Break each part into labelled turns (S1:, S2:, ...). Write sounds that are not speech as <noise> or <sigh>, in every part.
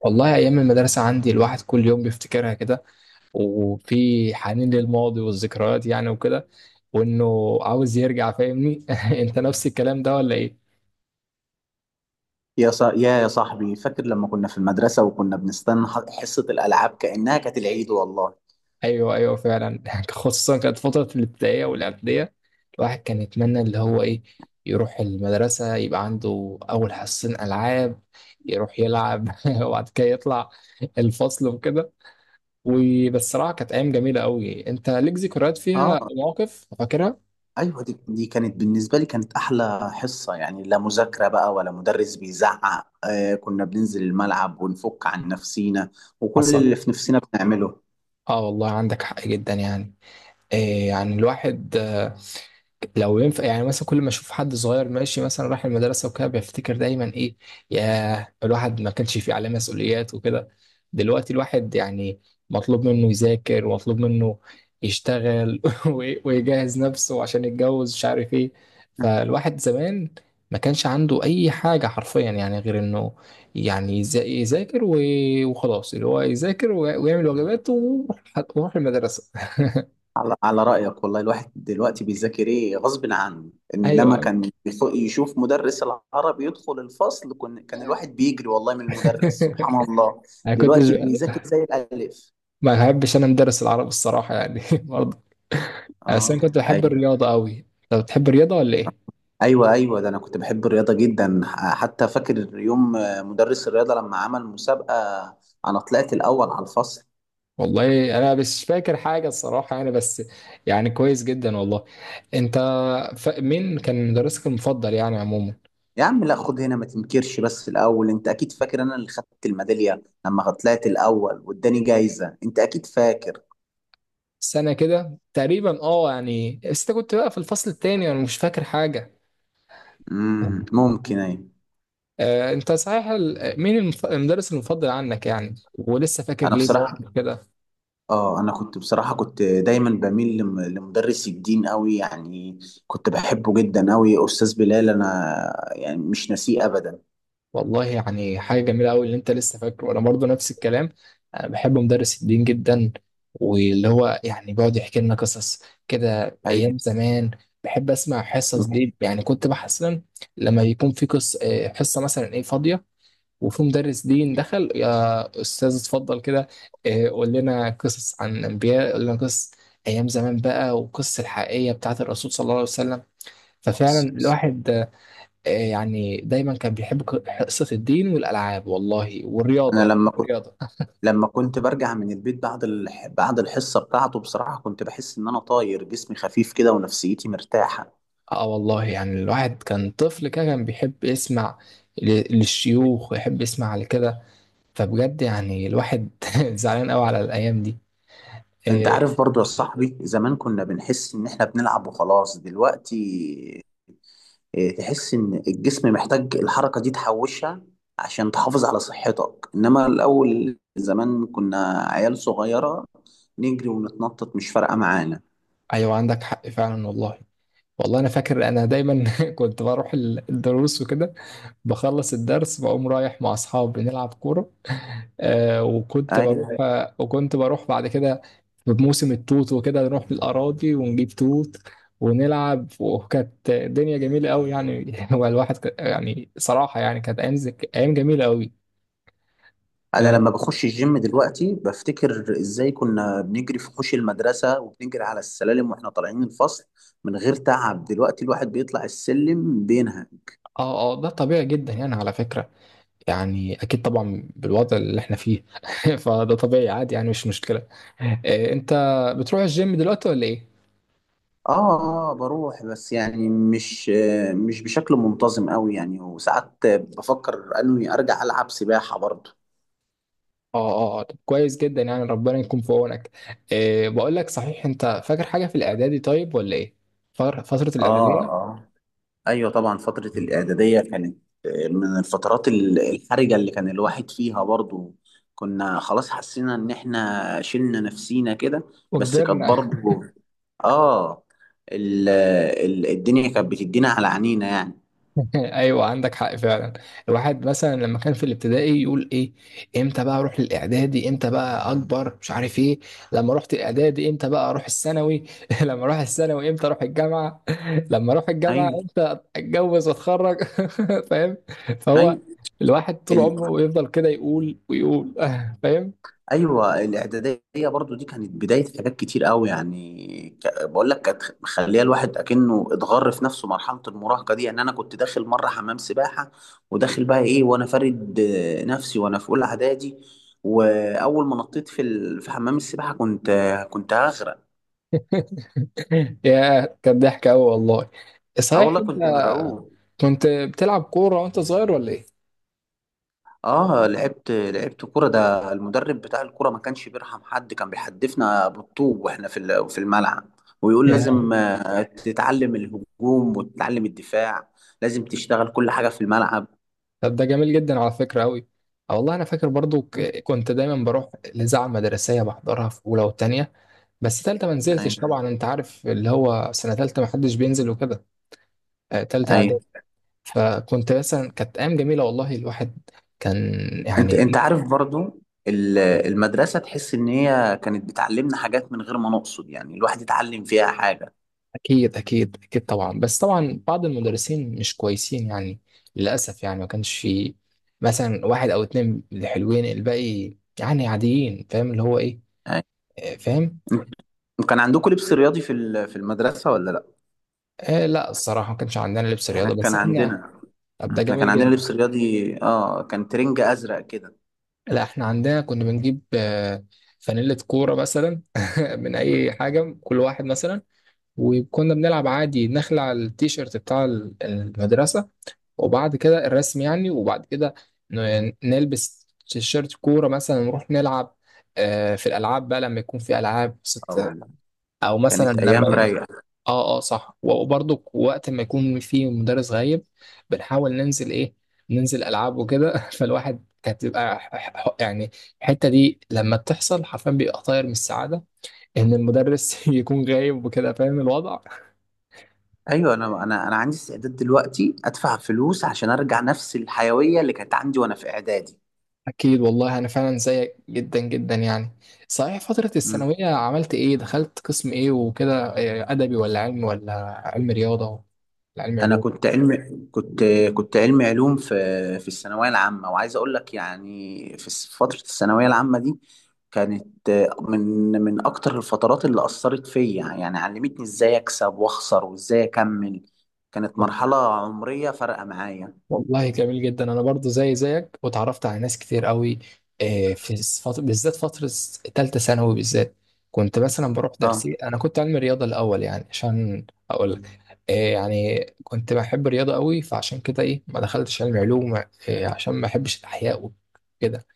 S1: والله أيام المدرسة عندي، الواحد كل يوم بيفتكرها كده، وفي حنين للماضي والذكريات يعني وكده، وإنه عاوز يرجع. فاهمني؟ <laughs> أنت نفس الكلام ده ولا إيه؟
S2: يا صا... يا يا صاحبي فاكر لما كنا في المدرسة وكنا بنستنى حصة الألعاب كأنها كانت العيد والله.
S1: أيوه أيوه، فعلا. <laughs> خصوصا كانت فترة الابتدائية والإعدادية، الواحد كان يتمنى اللي هو إيه، يروح المدرسة يبقى عنده أول حصتين ألعاب، يروح يلعب <laughs> وبعد كده يطلع الفصل وكده. وبالصراحة كانت أيام جميلة أوي. أنت ليك ذكريات
S2: اه
S1: فيها مواقف فاكرها؟
S2: ايوه دي كانت بالنسبة لي كانت أحلى حصة يعني، لا مذاكرة بقى ولا مدرس بيزعق. آه كنا بننزل الملعب ونفك عن نفسينا وكل
S1: حصل.
S2: اللي في نفسنا بنعمله.
S1: اه والله عندك حق جدا يعني. إيه يعني الواحد، لو ينفع يعني، مثلا كل ما اشوف حد صغير ماشي مثلا رايح المدرسه وكده، بفتكر دايما ايه، يا الواحد ما كانش فيه عليه مسؤوليات وكده. دلوقتي الواحد يعني مطلوب منه يذاكر، ومطلوب منه يشتغل <laughs> ويجهز نفسه عشان يتجوز، مش عارف ايه. فالواحد زمان ما كانش عنده اي حاجه حرفيا يعني، غير انه يعني يذاكر وخلاص، اللي هو يذاكر ويعمل واجباته ويروح، ويروح المدرسه. <laughs>
S2: على رأيك والله الواحد دلوقتي بيذاكر ايه غصب عنه، انما
S1: ايوه.
S2: كان يشوف مدرس العربي يدخل الفصل كان الواحد بيجري والله من المدرس سبحان
S1: <laughs>
S2: الله.
S1: انا كنتش
S2: دلوقتي بيذاكر زي الألف.
S1: ما بحبش انا ندرس العربي الصراحه يعني. <laughs> برضه، بس انا
S2: اه
S1: كنت بحب
S2: ايوه
S1: الرياضه قوي. طب بتحب الرياضه ولا ايه؟
S2: ايوه. ايوه ده انا كنت بحب الرياضه جدا، حتى فاكر يوم مدرس الرياضه لما عمل مسابقه انا طلعت الاول على الفصل.
S1: والله انا مش فاكر حاجه الصراحه يعني، بس يعني كويس جدا والله. انت مين كان مدرسك المفضل يعني عموما؟
S2: يا عم لا خد هنا ما تنكرش، بس الاول انت اكيد فاكر انا اللي خدت الميداليه لما طلعت الاول واداني جايزه، انت اكيد فاكر.
S1: سنه كده تقريبا، اه يعني، بس انت كنت بقى في الفصل التاني، انا مش فاكر حاجه.
S2: ممكن ايوه.
S1: آه انت صحيح، مين المدرس المفضل عنك يعني، ولسه فاكر
S2: انا
S1: ليه
S2: بصراحه،
S1: مواقف كده؟
S2: اه انا كنت بصراحه كنت دايما بميل لمدرس الدين قوي يعني، كنت بحبه جدا قوي، استاذ بلال انا يعني مش ناسيه ابدا.
S1: والله يعني حاجة جميلة قوي اللي انت لسه فاكره. انا برضو نفس الكلام، انا بحب مدرس الدين جدا، واللي هو يعني بيقعد يحكي لنا قصص كده
S2: ايوه
S1: ايام زمان. بحب اسمع الحصص دي يعني، كنت بحس إن لما بيكون في قص آه، حصة مثلا ايه فاضية، وفي مدرس دين دخل، يا استاذ اتفضل كده، قول لنا قصص عن الانبياء، قول لنا قصص ايام زمان بقى، والقصص الحقيقية بتاعت الرسول صلى الله عليه وسلم. ففعلا الواحد يعني دايما كان بيحب حصة الدين والألعاب والله والرياضة،
S2: انا
S1: يعني
S2: لما
S1: بيحب
S2: كنت،
S1: الرياضة.
S2: لما كنت برجع من البيت بعد بعد الحصه بتاعته بصراحه كنت بحس ان انا طاير جسمي خفيف كده ونفسيتي مرتاحه.
S1: اه والله يعني الواحد كان طفل كده، كان بيحب يسمع للشيوخ ويحب يسمع لكده. فبجد يعني الواحد <laughs> زعلان قوي على الأيام دي.
S2: انت
S1: آه،
S2: عارف برضو يا صاحبي زمان كنا بنحس ان احنا بنلعب وخلاص. دلوقتي تحس ان الجسم محتاج الحركه دي تحوشها عشان تحافظ على صحتك، انما الاول زمان كنا عيال صغيره نجري ونتنطط مش فارقه معانا.
S1: أيوة عندك حق فعلا والله. والله انا فاكر، انا دايما <laughs> كنت بروح الدروس وكده، بخلص الدرس بقوم رايح مع اصحابي نلعب كوره.
S2: اي،
S1: آه وكنت بروح بعد كده بموسم التوت وكده، نروح بالاراضي ونجيب توت ونلعب. وكانت الدنيا جميله قوي يعني. <laughs> هو الواحد يعني صراحه يعني كانت ايام ايام جميله قوي.
S2: انا
S1: اه
S2: لما بخش الجيم دلوقتي بفتكر ازاي كنا بنجري في حوش المدرسه وبنجري على السلالم واحنا طالعين الفصل من غير تعب، دلوقتي الواحد بيطلع السلم بينها.
S1: اه، ده طبيعي جدا يعني على فكره، يعني اكيد طبعا بالوضع اللي احنا فيه. <laughs> فده طبيعي عادي يعني، مش مشكله. إيه، انت بتروح الجيم دلوقتي ولا ايه؟
S2: اه بروح بس يعني مش بشكل منتظم قوي يعني، وساعات بفكر اني ارجع العب سباحه برضه.
S1: اه اه، طب كويس جدا يعني، ربنا يكون في عونك. إيه، بقول لك صحيح، انت فاكر حاجه في الاعدادي طيب ولا ايه؟ فتره
S2: اه
S1: الاعداديه.
S2: اه ايوه طبعا فتره الاعداديه كانت من الفترات الحرجه اللي كان الواحد فيها برضو، كنا خلاص حسينا ان احنا شلنا نفسينا كده. بس كانت
S1: وكبرنا.
S2: برضو، اه، ال الدنيا كانت بتدينا على عينينا يعني.
S1: <laughs> ايوه عندك حق فعلا. الواحد مثلا لما كان في الابتدائي يقول ايه، امتى بقى اروح للاعدادي، امتى بقى اكبر، مش عارف ايه. لما رحت الاعدادي امتى بقى اروح الثانوي. <laughs> لما اروح الثانوي امتى اروح الجامعه. <laughs> لما اروح الجامعه
S2: ايوه
S1: امتى اتجوز واتخرج. <laughs> فاهم؟ فهو
S2: ايوه.
S1: الواحد طول عمره يفضل كده يقول ويقول. <laughs> فاهم؟
S2: ايوه الاعداديه برضو دي كانت بدايه حاجات كتير قوي يعني، بقول لك كانت مخليه الواحد اكنه اتغر في نفسه، مرحله المراهقه دي يعني انا كنت داخل مره حمام سباحه وداخل بقى ايه وانا فارد نفسي وانا في اولى اعدادي، واول ما نطيت في حمام السباحه كنت كنت هغرق.
S1: <laughs> يا كان ضحك قوي والله.
S2: اه
S1: صحيح
S2: والله
S1: انت
S2: كنت مرعوب.
S1: كنت بتلعب كوره وانت صغير ولا ايه؟
S2: اه لعبت، لعبت كرة، ده المدرب بتاع الكرة ما كانش بيرحم حد، كان بيحدفنا بالطوب واحنا في الملعب ويقول
S1: <laughs>
S2: لازم تتعلم الهجوم وتتعلم الدفاع، لازم تشتغل كل حاجة في الملعب.
S1: طب ده جميل جدا على فكرة أوي. أه والله أنا فاكر برضو، كنت دايما بروح الإذاعة المدرسية، بحضرها في أولى وتانية، بس تالتة ما نزلتش
S2: ايوه
S1: طبعا. أنت عارف اللي هو سنة تالتة ما حدش بينزل وكده، تالتة إعدادي.
S2: ايوه.
S1: فكنت مثلا، كانت أيام جميلة والله، الواحد كان
S2: انت
S1: يعني.
S2: انت عارف برضو المدرسة تحس ان هي كانت بتعلمنا حاجات من غير ما نقصد يعني الواحد يتعلم فيها حاجة.
S1: أكيد أكيد أكيد طبعا. بس طبعا بعض المدرسين مش كويسين يعني، للأسف يعني ما كانش في مثلا واحد أو اتنين اللي حلوين، الباقي يعني عاديين. فاهم اللي هو إيه، فاهم.
S2: أيوة. كان عندكم لبس رياضي في المدرسة ولا لا؟
S1: آه لا، الصراحة ما كانش عندنا لبس
S2: احنا
S1: رياضة، بس
S2: كان
S1: احنا.
S2: عندنا،
S1: طب ده
S2: احنا كان
S1: جميل
S2: عندنا
S1: جدا.
S2: لبس رياضي، اه كان ترنج ازرق كده.
S1: لا احنا عندنا كنا بنجيب فانيلة كورة مثلا، <laughs> من أي حاجة، كل واحد مثلا. وكنا بنلعب عادي، نخلع على التيشيرت بتاع المدرسة وبعد كده الرسم يعني، وبعد كده نلبس تيشيرت كورة مثلا ونروح نلعب في الألعاب بقى، لما يكون في ألعاب
S2: اه
S1: ست،
S2: والله
S1: أو مثلا
S2: كانت ايام
S1: لما.
S2: رايقه.
S1: اه اه صح، وبرضه وقت ما يكون في مدرس غايب بنحاول ننزل ايه، ننزل العاب وكده. <laughs> فالواحد كانت بتبقى يعني الحته دي لما بتحصل حرفيا بيبقى طاير من السعاده ان المدرس <laughs> يكون غايب وكده. فاهم الوضع؟
S2: ايوه انا انا انا عندي استعداد دلوقتي ادفع فلوس عشان ارجع نفس الحيويه اللي كانت عندي وانا في اعدادي.
S1: اكيد والله، انا فعلا زيك جدا جدا يعني. صحيح فتره
S2: مم.
S1: الثانويه عملت ايه، دخلت قسم ايه وكده؟ إيه، ادبي ولا علمي ولا علم رياضه ولا علم
S2: انا
S1: علوم؟
S2: كنت علم، كنت، كنت علم علوم في، في الثانويه العامه، وعايز اقول لك يعني فتره الثانويه العامه دي كانت من، من اكتر الفترات اللي اثرت فيا يعني، علمتني ازاي اكسب واخسر وازاي اكمل، كانت مرحله عمريه فارقه معايا.
S1: والله جميل جدا. انا برضو زي زيك، واتعرفت على ناس كتير قوي في فترة، بالذات فترة تالتة ثانوي بالذات، كنت مثلا بروح
S2: اه
S1: درسي. انا كنت علمي رياضة الاول، يعني عشان اقول لك، يعني كنت بحب الرياضة قوي، فعشان كده ايه ما دخلتش علمي علوم، عشان ما احبش الاحياء وكده.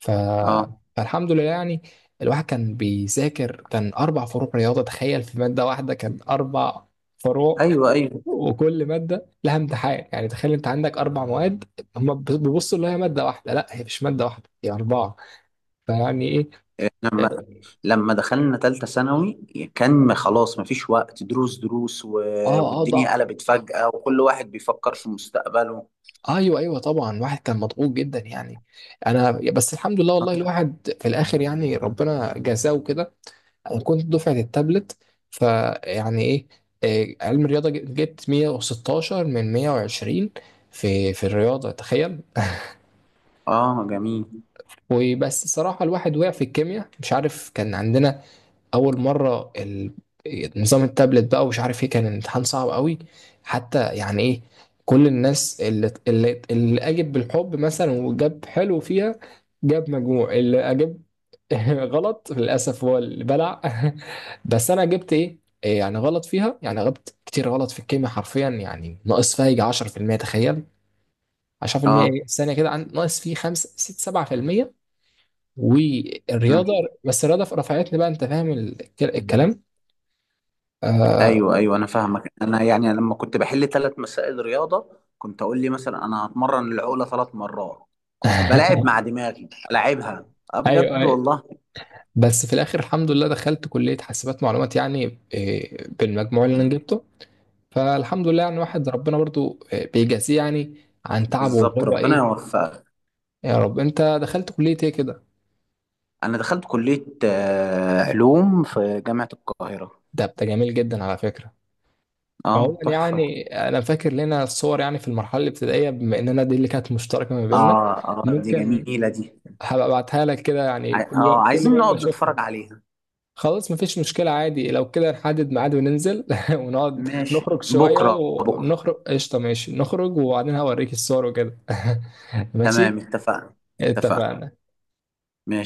S1: ف...
S2: اه
S1: فالحمد لله يعني. الواحد كان بيذاكر، كان اربع فروع رياضة، تخيل! في مادة واحدة كان اربع فروع،
S2: ايوه ايوه.
S1: وكل ماده لها امتحان، يعني تخيل انت عندك اربع مواد، هم بيبصوا اللي هي ماده واحده، لا، هي مش ماده واحده، هي اربعه. فيعني ايه.
S2: لما
S1: اه
S2: لما دخلنا ثالثه ثانوي كان خلاص ما فيش وقت، دروس دروس
S1: اه،
S2: والدنيا قلبت فجأة وكل واحد بيفكر في مستقبله.
S1: ايوه ايوه طبعا، واحد كان مضغوط جدا يعني. انا بس الحمد لله والله،
S2: اه
S1: الواحد في الاخر يعني ربنا جزاه كده. انا كنت دفعه التابلت. فيعني ايه. إيه، علم الرياضه جبت 116 من 120، في في الرياضه، تخيل. <laughs>
S2: جميل.
S1: وبس صراحة الواحد وقع في الكيمياء، مش عارف، كان عندنا اول مره نظام التابلت بقى، ومش عارف ايه، كان الامتحان صعب قوي حتى. يعني ايه، كل الناس اللي اجب بالحب مثلا وجاب حلو فيها، جاب مجموع. اللي اجب <laughs> غلط للاسف هو اللي بلع. <laughs> بس انا جبت ايه، إيه يعني غلط فيها، يعني غبت كتير غلط في الكيمياء حرفيا يعني، ناقص فيها يجي 10%، تخيل! 10%
S2: اه.
S1: إيه؟ الثانيه كده، ناقص فيه 5 6 7%.
S2: مم.
S1: والرياضه، بس الرياضه رفعتني بقى، انت فاهم الكلام؟ آه...
S2: ايوه ايوه انا فاهمك، انا يعني لما كنت بحل ثلاث مسائل رياضه كنت اقول لي مثلا انا هتمرن العقله ثلاث مرات، كنت بلاعب مع
S1: <laughs>
S2: دماغي العبها، اه
S1: ايوه
S2: بجد
S1: ايوه.
S2: والله.
S1: بس في الاخر الحمد لله دخلت كليه حاسبات معلومات يعني إيه، بالمجموع اللي انا
S2: مم.
S1: جبته. فالحمد لله يعني، واحد ربنا برضو إيه، بيجازيه يعني عن تعبه اللي
S2: بالظبط،
S1: هو
S2: ربنا
S1: ايه.
S2: يوفقك.
S1: يا رب. انت دخلت كليه ايه كده؟
S2: انا دخلت كلية علوم في جامعة القاهرة.
S1: ده جميل جدا على فكره. عموما
S2: اه تحفة.
S1: يعني انا فاكر لنا الصور يعني في المرحله الابتدائيه، بما اننا دي اللي كانت مشتركه ما بيننا،
S2: اه اه دي
S1: ممكن
S2: جميلة دي،
S1: هبقى ابعتها لك كده، يعني كل يوم
S2: اه
S1: كل
S2: عايزين
S1: يوم
S2: نقعد
S1: بشوفها.
S2: نتفرج عليها.
S1: خلاص مفيش مشكلة، عادي لو كده نحدد ميعاد وننزل، <laughs> ونقعد
S2: ماشي،
S1: نخرج شوية،
S2: بكرة بكرة.
S1: ونخرج قشطة، ماشي نخرج وبعدين هوريك الصور وكده. <laughs> ماشي
S2: تمام، اتفقنا اتفقنا
S1: اتفقنا.
S2: ماشي.